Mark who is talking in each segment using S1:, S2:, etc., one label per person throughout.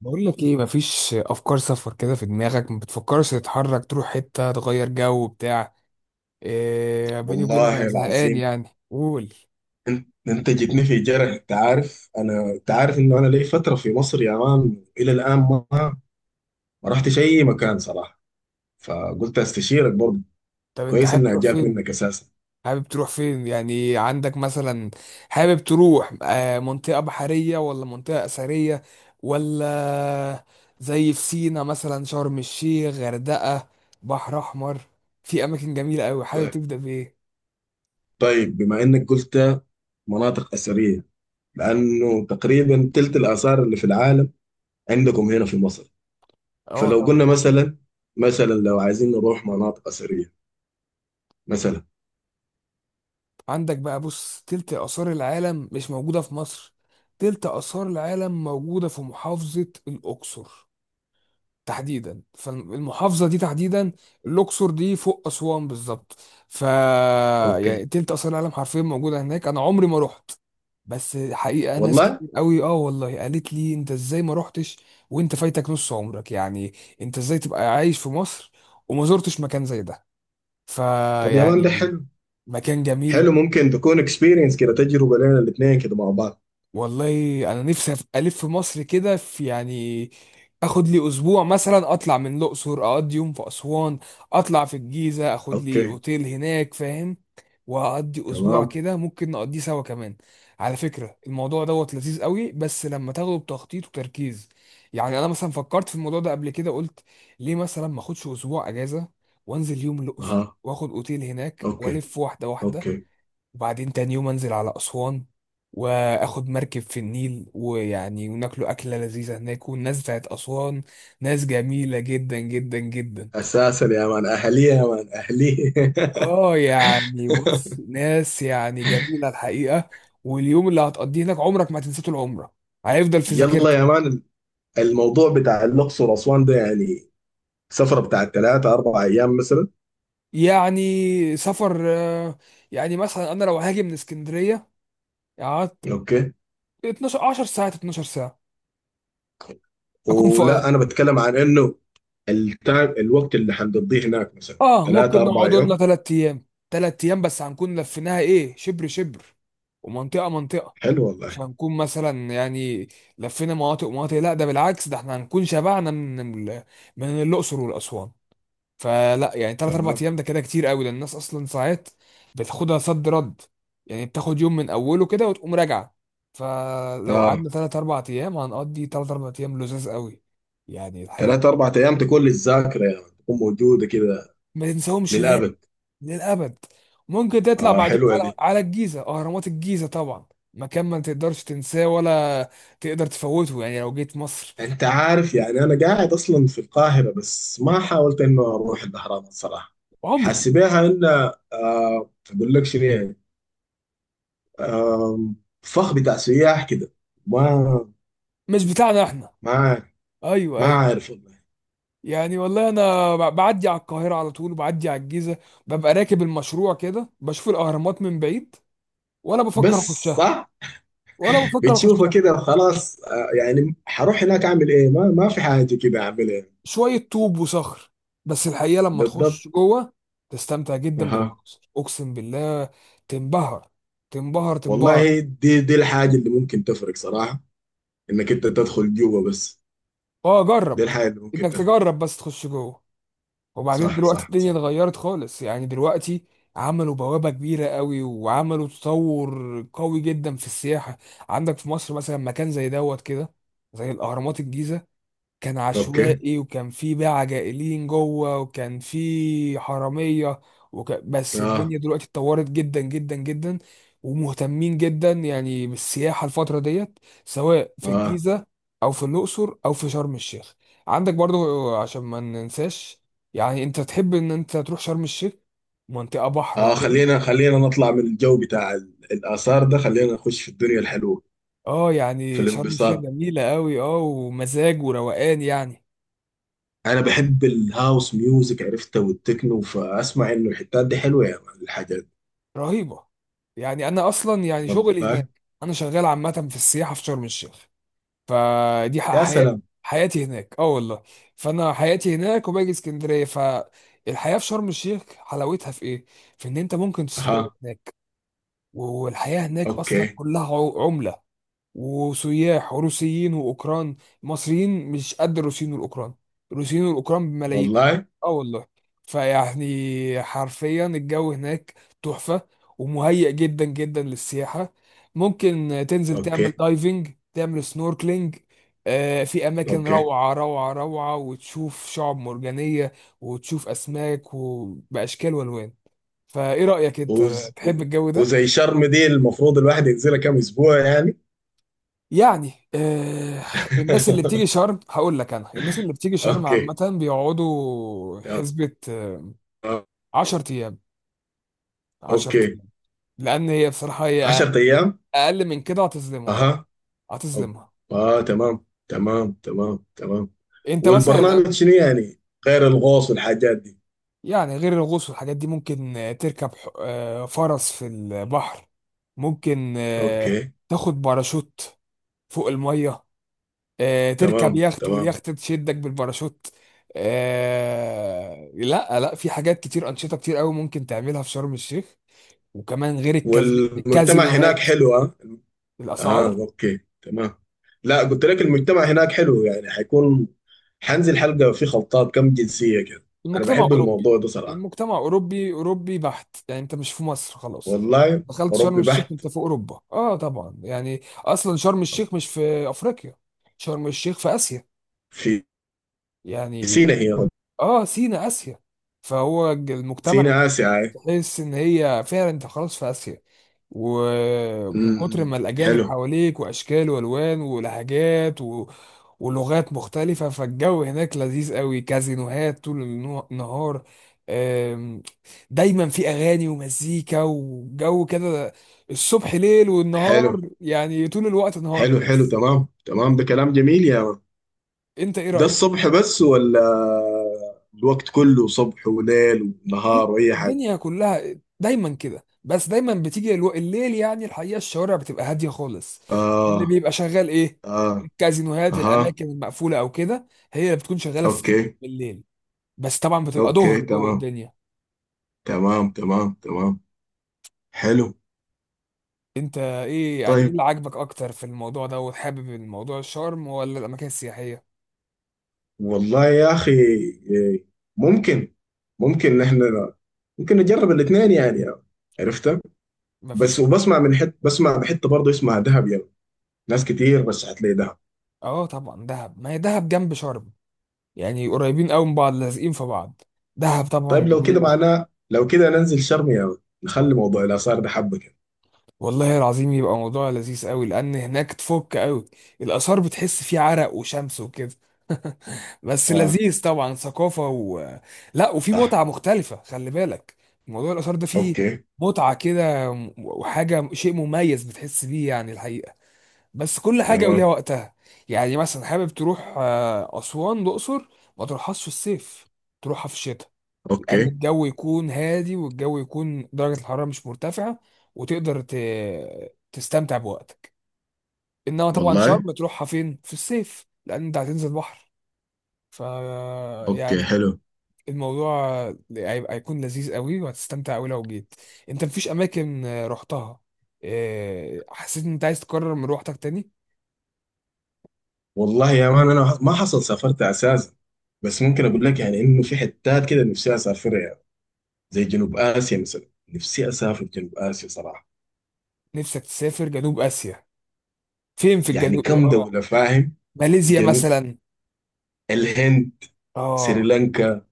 S1: بقول لك ايه؟ مفيش افكار سفر كده في دماغك؟ ما بتفكرش تتحرك تروح حته تغير جو بتاع إيه؟ بيني وبينك
S2: والله
S1: انا زهقان
S2: العظيم.
S1: يعني قول.
S2: انت جيتني في جرح. انت عارف انه انا لي فتره في مصر يا مان، الى الان ما رحتش اي مكان صراحه. فقلت استشيرك برضه،
S1: طب انت
S2: كويس
S1: حابب
S2: انها
S1: تروح
S2: جات
S1: فين؟
S2: منك اساسا.
S1: حابب تروح فين يعني؟ عندك مثلا حابب تروح منطقه بحريه ولا منطقه اثريه ولا زي في سينا مثلا، شرم الشيخ، غردقه، بحر احمر، في اماكن جميله قوي. حابب
S2: طيب
S1: تبدا بايه؟
S2: طيب بما انك قلت مناطق اثريه، لانه تقريبا تلت الاثار اللي في العالم عندكم هنا في مصر.
S1: اه
S2: فلو
S1: طبعا.
S2: قلنا مثلا لو عايزين نروح مناطق اثريه مثلا.
S1: عندك بقى، بص، تلت آثار العالم مش موجودة في مصر؟ تلت آثار العالم موجودة في محافظة الأقصر تحديدا، فالمحافظة دي تحديدا، الأقصر دي فوق أسوان بالظبط. ف يعني
S2: اوكي.
S1: تلت آثار العالم حرفيا موجودة هناك. أنا عمري ما رحت، بس حقيقة ناس
S2: والله.
S1: كتير قوي اه والله قالت لي انت ازاي ما رحتش، وانت فايتك نص عمرك يعني. انت ازاي تبقى عايش في مصر وما زرتش مكان زي ده؟
S2: طب يا مان، ده حق.
S1: فيعني مكان
S2: حلو،
S1: جميل.
S2: ممكن تكون اكسبيرينس كده، تجربة لنا الاثنين كده مع بعض.
S1: والله انا نفسي الف في مصر كده، في يعني اخد لي اسبوع مثلا، اطلع من الاقصر، اقضي يوم في اسوان، اطلع في الجيزه، اخد لي
S2: اوكي،
S1: اوتيل هناك، فاهم؟ واقضي اسبوع
S2: تمام.
S1: كده. ممكن نقضيه سوا كمان. على فكره، الموضوع دوت لذيذ قوي بس لما تاخده بتخطيط وتركيز. يعني انا مثلا فكرت في الموضوع ده قبل كده، قلت ليه مثلا ما اخدش اسبوع اجازه وانزل يوم الاقصر
S2: اها،
S1: واخد اوتيل هناك
S2: اوكي،
S1: والف واحده واحده.
S2: اوكي.
S1: وبعدين تاني يوم انزل على اسوان، واخد مركب في النيل، ويعني وناكلوا اكله لذيذه هناك. والناس بتاعت اسوان ناس جميله جدا جدا جدا.
S2: اساسا يا مان اهلية، يا مان اهلية.
S1: اه يعني بص، ناس يعني جميله الحقيقه. واليوم اللي هتقضيه هناك عمرك ما هتنساه طول عمرك، هيفضل في
S2: يلا
S1: ذاكرتك.
S2: يا مان، الموضوع بتاع الاقصر واسوان ده يعني سفرة بتاع ثلاثة أربع أيام مثلا؟
S1: يعني سفر، يعني مثلا انا لو هاجي من اسكندريه، قعدت
S2: اوكي.
S1: 12 10 ساعات، 12 ساعه اكون في.
S2: ولا، أنا بتكلم عن إنه الوقت اللي حنقضيه هناك مثلا
S1: اه
S2: ثلاثة
S1: ممكن
S2: أربع
S1: نقعد لنا
S2: يوم.
S1: ثلاث ايام. ثلاث ايام بس هنكون لفيناها ايه، شبر شبر ومنطقه منطقه.
S2: حلو والله.
S1: مش هنكون مثلا يعني لفينا مناطق ومناطق، لا ده بالعكس، ده احنا هنكون شبعنا من من الاقصر والاسوان. فلا يعني ثلاث اربع
S2: تمام.
S1: ايام ده كده كتير قوي، ده الناس اصلا ساعات بتاخدها صد رد، يعني بتاخد يوم من اوله كده وتقوم راجعه. فلو
S2: آه،
S1: قعدنا ثلاث اربع ايام هنقضي ثلاث اربع ايام لذاذ قوي، يعني الحقيقه
S2: ثلاثة أربع أيام تكون للذاكرة، يعني تكون موجودة كده
S1: ما ننساهمش
S2: للأبد.
S1: للأبد. ممكن تطلع
S2: آه،
S1: بعدين
S2: حلوة
S1: على
S2: دي.
S1: الجيزة، أهرامات الجيزة طبعا. مكان ما تقدرش تنساه، ولا تقدر تفوته يعني لو جيت مصر.
S2: انت عارف، يعني انا قاعد اصلا في القاهره، بس ما حاولت انه اروح الاهرامات صراحه.
S1: عمري
S2: حاسبها ان، اقول لك شنو يعني، آه، فخ بتاع سياح كده. ما
S1: مش بتاعنا احنا.
S2: ما عارف،
S1: أيوه
S2: ما
S1: أيوه.
S2: عارف والله.
S1: يعني والله أنا بعدي على القاهرة على طول، وبعدي على الجيزة، ببقى راكب المشروع كده بشوف الأهرامات من بعيد، ولا بفكر
S2: بس
S1: أخشها
S2: صح.
S1: ولا بفكر
S2: بتشوفه
S1: أخشها.
S2: كده خلاص، يعني حروح هناك اعمل ايه؟ ما في حاجه كده اعملها.
S1: شوية طوب وصخر، بس الحقيقة لما
S2: بالضبط.
S1: تخش جوه تستمتع جدا
S2: اها.
S1: بالمنظر، أقسم بالله. تنبهر، تنبهر تنبهر.
S2: والله، دي الحاجه اللي ممكن تفرق صراحه، انك انت تدخل جوه بس.
S1: اه
S2: دي
S1: جرب،
S2: الحاجه اللي ممكن
S1: انك
S2: تفرق.
S1: تجرب بس تخش جوه. وبعدين
S2: صح،
S1: دلوقتي
S2: صح،
S1: الدنيا
S2: صح.
S1: اتغيرت خالص يعني، دلوقتي عملوا بوابة كبيرة قوي، وعملوا تطور قوي جدا في السياحة. عندك في مصر مثلا مكان زي دوت كده، زي الأهرامات الجيزة، كان
S2: اوكي.
S1: عشوائي، وكان في بقى عجائلين جوه، وكان في حرامية، بس
S2: آه.
S1: الدنيا دلوقتي اتطورت جدا جدا جدا، ومهتمين جدا يعني بالسياحة الفترة ديت، سواء في
S2: اه.
S1: الجيزة أو في الأقصر أو في شرم الشيخ. عندك برضو عشان ما ننساش، يعني أنت تحب إن أنت تروح شرم الشيخ، منطقة بحر
S2: اه
S1: وكده.
S2: خلينا نطلع من الجو بتاع الآثار ده، خلينا نخش في الدنيا الحلوة،
S1: اه
S2: في
S1: يعني شرم الشيخ
S2: الانبساط.
S1: جميلة قوي، اه ومزاج وروقان يعني
S2: أنا بحب الهاوس ميوزك عرفته والتكنو، فأسمع إنه الحتات دي حلوة يا مان، الحاجات.
S1: رهيبه. يعني انا اصلا يعني شغلي
S2: والله.
S1: هناك، انا شغال عامه في السياحه في شرم الشيخ. فدي
S2: يا
S1: حياتي،
S2: سلام.
S1: حياتي هناك اه والله. فانا حياتي هناك وباجي اسكندريه. فالحياه في شرم الشيخ حلاوتها في ايه؟ في ان انت ممكن تستقر
S2: أها.
S1: هناك. والحياه هناك اصلا
S2: أوكي.
S1: كلها عمله وسياح، وروسيين واوكران. المصريين مش قد الروسيين والاوكران. الروسيين والاوكران بملايين،
S2: والله.
S1: اه والله. فيعني حرفيا الجو هناك تحفة، ومهيئ جدا جدا للسياحة. ممكن تنزل تعمل
S2: أوكي،
S1: دايفنج، تعمل سنوركلينج، في أماكن
S2: أوكي.
S1: روعة روعة روعة، وتشوف شعب مرجانية، وتشوف أسماك وبأشكال وألوان. فإيه رأيك أنت؟
S2: وز
S1: تحب
S2: و-
S1: الجو ده؟
S2: وزي شرم دي، المفروض الواحد ينزلها كم أسبوع يعني؟
S1: يعني آه. الناس اللي بتيجي شرم هقول لك، انا الناس اللي بتيجي شرم عامة
S2: أوكي،
S1: بيقعدوا
S2: تمام.
S1: حسبة 10 ايام، 10
S2: أوكي،
S1: ايام، لان هي بصراحة هي
S2: 10 أيام.
S1: اقل من كده هتظلمها، اه
S2: أها، أوكي.
S1: هتظلمها.
S2: آه، تمام، تمام، تمام، تمام.
S1: انت
S2: والبرنامج
S1: مثلا.
S2: شنو يعني، غير الغوص والحاجات دي؟
S1: يعني غير الغوص والحاجات دي ممكن تركب فرس في البحر، ممكن
S2: اوكي،
S1: تاخد باراشوت فوق المية، تركب
S2: تمام،
S1: يخت
S2: تمام.
S1: واليخت تشدك بالباراشوت، لا لا في حاجات كتير، أنشطة كتير قوي ممكن تعملها في شرم الشيخ، وكمان غير
S2: والمجتمع هناك
S1: الكازينوهات،
S2: حلو، ها؟ اه،
S1: الأسعار.
S2: اوكي، تمام. لا، قلت لك المجتمع هناك حلو، يعني حيكون حنزل حلقة في خلطات كم جنسية كده. انا
S1: المجتمع
S2: بحب
S1: أوروبي،
S2: الموضوع ده صراحة.
S1: المجتمع أوروبي أوروبي بحت، يعني أنت مش في مصر خلاص.
S2: والله.
S1: دخلت شرم
S2: اوروبي
S1: الشيخ
S2: بحت.
S1: أنت في أوروبا، أه طبعا، يعني أصلا شرم الشيخ مش في أفريقيا، شرم الشيخ في آسيا
S2: في
S1: يعني.
S2: سينا هي.
S1: أه سينا آسيا. فهو المجتمع اللي
S2: سينا آسيا
S1: هناك
S2: هاي.
S1: تحس ان هي فعلا انت خلاص في اسيا.
S2: م-
S1: ومن كتر
S2: م.
S1: ما الأجانب
S2: حلو.
S1: حواليك وأشكال وألوان ولهجات و... ولغات مختلفة، فالجو هناك لذيذ قوي، كازينوهات طول النهار، آم، دايما في أغاني ومزيكا وجو كده، الصبح ليل
S2: حلو،
S1: والنهار، يعني طول الوقت نهار.
S2: حلو، حلو، تمام، تمام. ده كلام جميل يا.
S1: انت ايه
S2: ده
S1: رأيك؟
S2: الصبح بس، ولا الوقت كله صبح وليل ونهار واي حاجه؟
S1: الدنيا كلها دايما كده، بس دايما بتيجي الليل، يعني الحقيقه الشوارع بتبقى هاديه خالص. اللي
S2: اه.
S1: بيبقى شغال ايه؟
S2: اه.
S1: الكازينوهات،
S2: اها.
S1: الاماكن المقفوله او كده، هي اللي بتكون شغاله في
S2: اوكي،
S1: الليل. بس طبعا بتبقى ظهر
S2: اوكي،
S1: جوه
S2: تمام،
S1: الدنيا.
S2: تمام، تمام، تمام. حلو.
S1: انت ايه يعني ايه
S2: طيب،
S1: اللي عاجبك اكتر في الموضوع ده، وحابب الموضوع الشرم ولا الاماكن السياحيه؟
S2: والله يا اخي، ممكن ممكن احنا ممكن نجرب الاثنين يعني، عرفتها.
S1: مفيش.
S2: بس وبسمع من، بسمع بحته برضه اسمها دهب يعني، ناس كتير رشحت لي دهب.
S1: اه طبعا دهب، ما هي دهب جنب شرم، يعني قريبين قوي من بعض، لازقين في بعض. دهب
S2: طيب
S1: طبعا
S2: لو كده
S1: جميله.
S2: معناه، لو كده ننزل شرم يا ولد. نخلي موضوع الاثار ده حبه كده.
S1: والله العظيم يبقى موضوع لذيذ قوي، لان هناك تفك قوي. الاثار بتحس فيه عرق وشمس وكده. بس
S2: اه.
S1: لذيذ طبعا، ثقافه و... لا وفي
S2: صح.
S1: متعه مختلفه، خلي بالك. موضوع الاثار ده فيه
S2: اوكي،
S1: متعه كده، وحاجه شيء مميز بتحس بيه، يعني الحقيقه. بس كل حاجه وليها
S2: تمام.
S1: وقتها. يعني مثلا حابب تروح اسوان الاقصر، ما تروحهاش في الصيف، تروحها في الشتاء، لان
S2: اوكي.
S1: الجو يكون هادي، والجو يكون درجه الحراره مش مرتفعه، وتقدر تستمتع بوقتك. انما طبعا
S2: والله.
S1: شرم تروحها فين في الصيف، لان انت هتنزل بحر. ف
S2: اوكي.
S1: يعني
S2: حلو.
S1: الموضوع هيبقى هيكون لذيذ قوي، وهتستمتع قوي لو جيت. انت مفيش اماكن رحتها، حسيت ان انت عايز تكرر من روحتك تاني؟
S2: والله يا مان، انا ما حصل سافرت اساسا. بس ممكن اقول لك يعني انه في حتات كده نفسي اسافرها يعني، زي جنوب اسيا مثلا. نفسي اسافر جنوب اسيا صراحه،
S1: نفسك تسافر جنوب اسيا، فين في
S2: يعني
S1: الجنوب؟
S2: كم
S1: اه
S2: دوله فاهم.
S1: ماليزيا
S2: جنوب
S1: مثلا،
S2: الهند،
S1: اه،
S2: سريلانكا،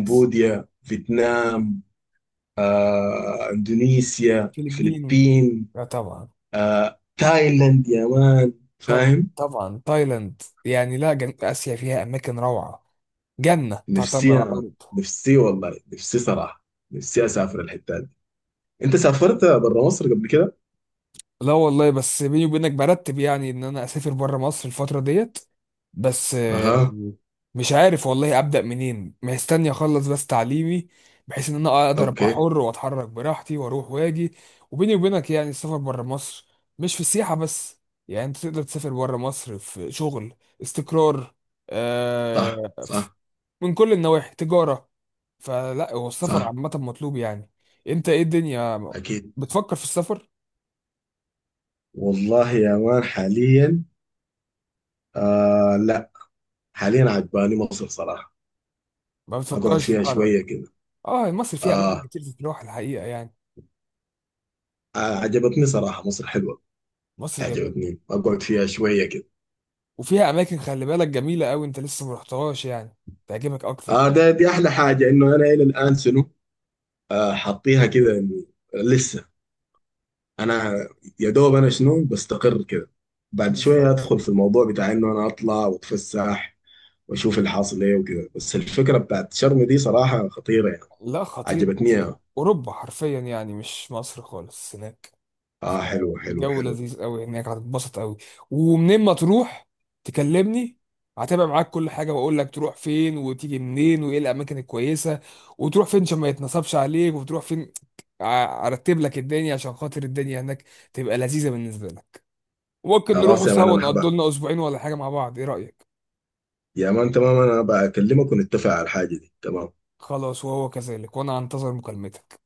S1: يس،
S2: فيتنام، اندونيسيا،
S1: فلبين،
S2: الفلبين،
S1: لا طبعا،
S2: تايلاند يا مان،
S1: طبعا
S2: فاهم.
S1: طبعا تايلاند يعني. لا جنوب آسيا فيها أماكن روعة، جنة تعتمر
S2: نفسي
S1: على
S2: أنا.
S1: الأرض.
S2: نفسي والله، نفسي صراحة، نفسي أسافر الحتة دي. أنت سافرت برا مصر قبل كده؟
S1: لا والله، بس بيني وبينك برتب يعني إن أنا أسافر بره مصر الفترة ديت، بس
S2: أها.
S1: مش عارف والله أبدأ منين، مستني أخلص بس تعليمي، بحيث إن أنا أقدر أبقى
S2: أوكي.
S1: حر وأتحرك براحتي وأروح وأجي. وبيني وبينك يعني السفر بره مصر مش في السياحة بس، يعني أنت تقدر تسافر بره مصر في شغل، استقرار،
S2: صح،
S1: آه،
S2: صح،
S1: من كل النواحي، تجارة. فلا هو السفر
S2: صح.
S1: عامة مطلوب يعني. انت ايه الدنيا
S2: أكيد.
S1: بتفكر في السفر؟
S2: والله يا مان، حاليا، آه، لا، حاليا عجباني مصر صراحة،
S1: ما
S2: أقعد
S1: بتفكرش
S2: فيها
S1: تتحرك؟
S2: شوية كده.
S1: اه مصر فيها اماكن
S2: آه.
S1: كتير تتروح الحقيقة يعني،
S2: آه، عجبتني صراحة، مصر حلوة،
S1: مصر جميلة،
S2: عجبتني، أقعد فيها شوية كده.
S1: وفيها اماكن خلي بالك جميلة قوي انت لسه ما رحتهاش، يعني تعجبك اكتر.
S2: آه، ده دي أحلى حاجة، إنه أنا إلى الآن شنو، حاطيها كده إني لسه. انا، يا دوب انا شنو بستقر كده، بعد شويه
S1: بالظبط.
S2: ادخل في الموضوع بتاع انه انا اطلع واتفسح واشوف الحاصل ايه وكده. بس الفكره بتاعت شرم دي صراحه خطيره يعني،
S1: لا خطيرة
S2: عجبتني يعني.
S1: خطيرة، اوروبا حرفيا يعني، مش مصر خالص هناك.
S2: اه، حلو، حلو،
S1: الجو
S2: حلو.
S1: لذيذ قوي هناك، هتتبسط قوي. ومنين ما تروح تكلمني، هتابع معاك كل حاجه، واقول لك تروح فين وتيجي منين وايه الاماكن الكويسه، وتروح فين عشان ما يتنصبش عليك، وتروح فين، ارتب لك الدنيا، عشان خاطر الدنيا هناك تبقى لذيذه بالنسبه لك. ممكن نروحوا
S2: خلاص يا مان،
S1: سوا
S2: انا
S1: نقضوا
S2: حبا
S1: لنا اسبوعين ولا حاجه مع بعض، ايه رايك؟
S2: يا مان، تمام. انا بكلمك ونتفق على الحاجه دي، تمام.
S1: خلاص وهو كذلك، وانا انتظر مكالمتك.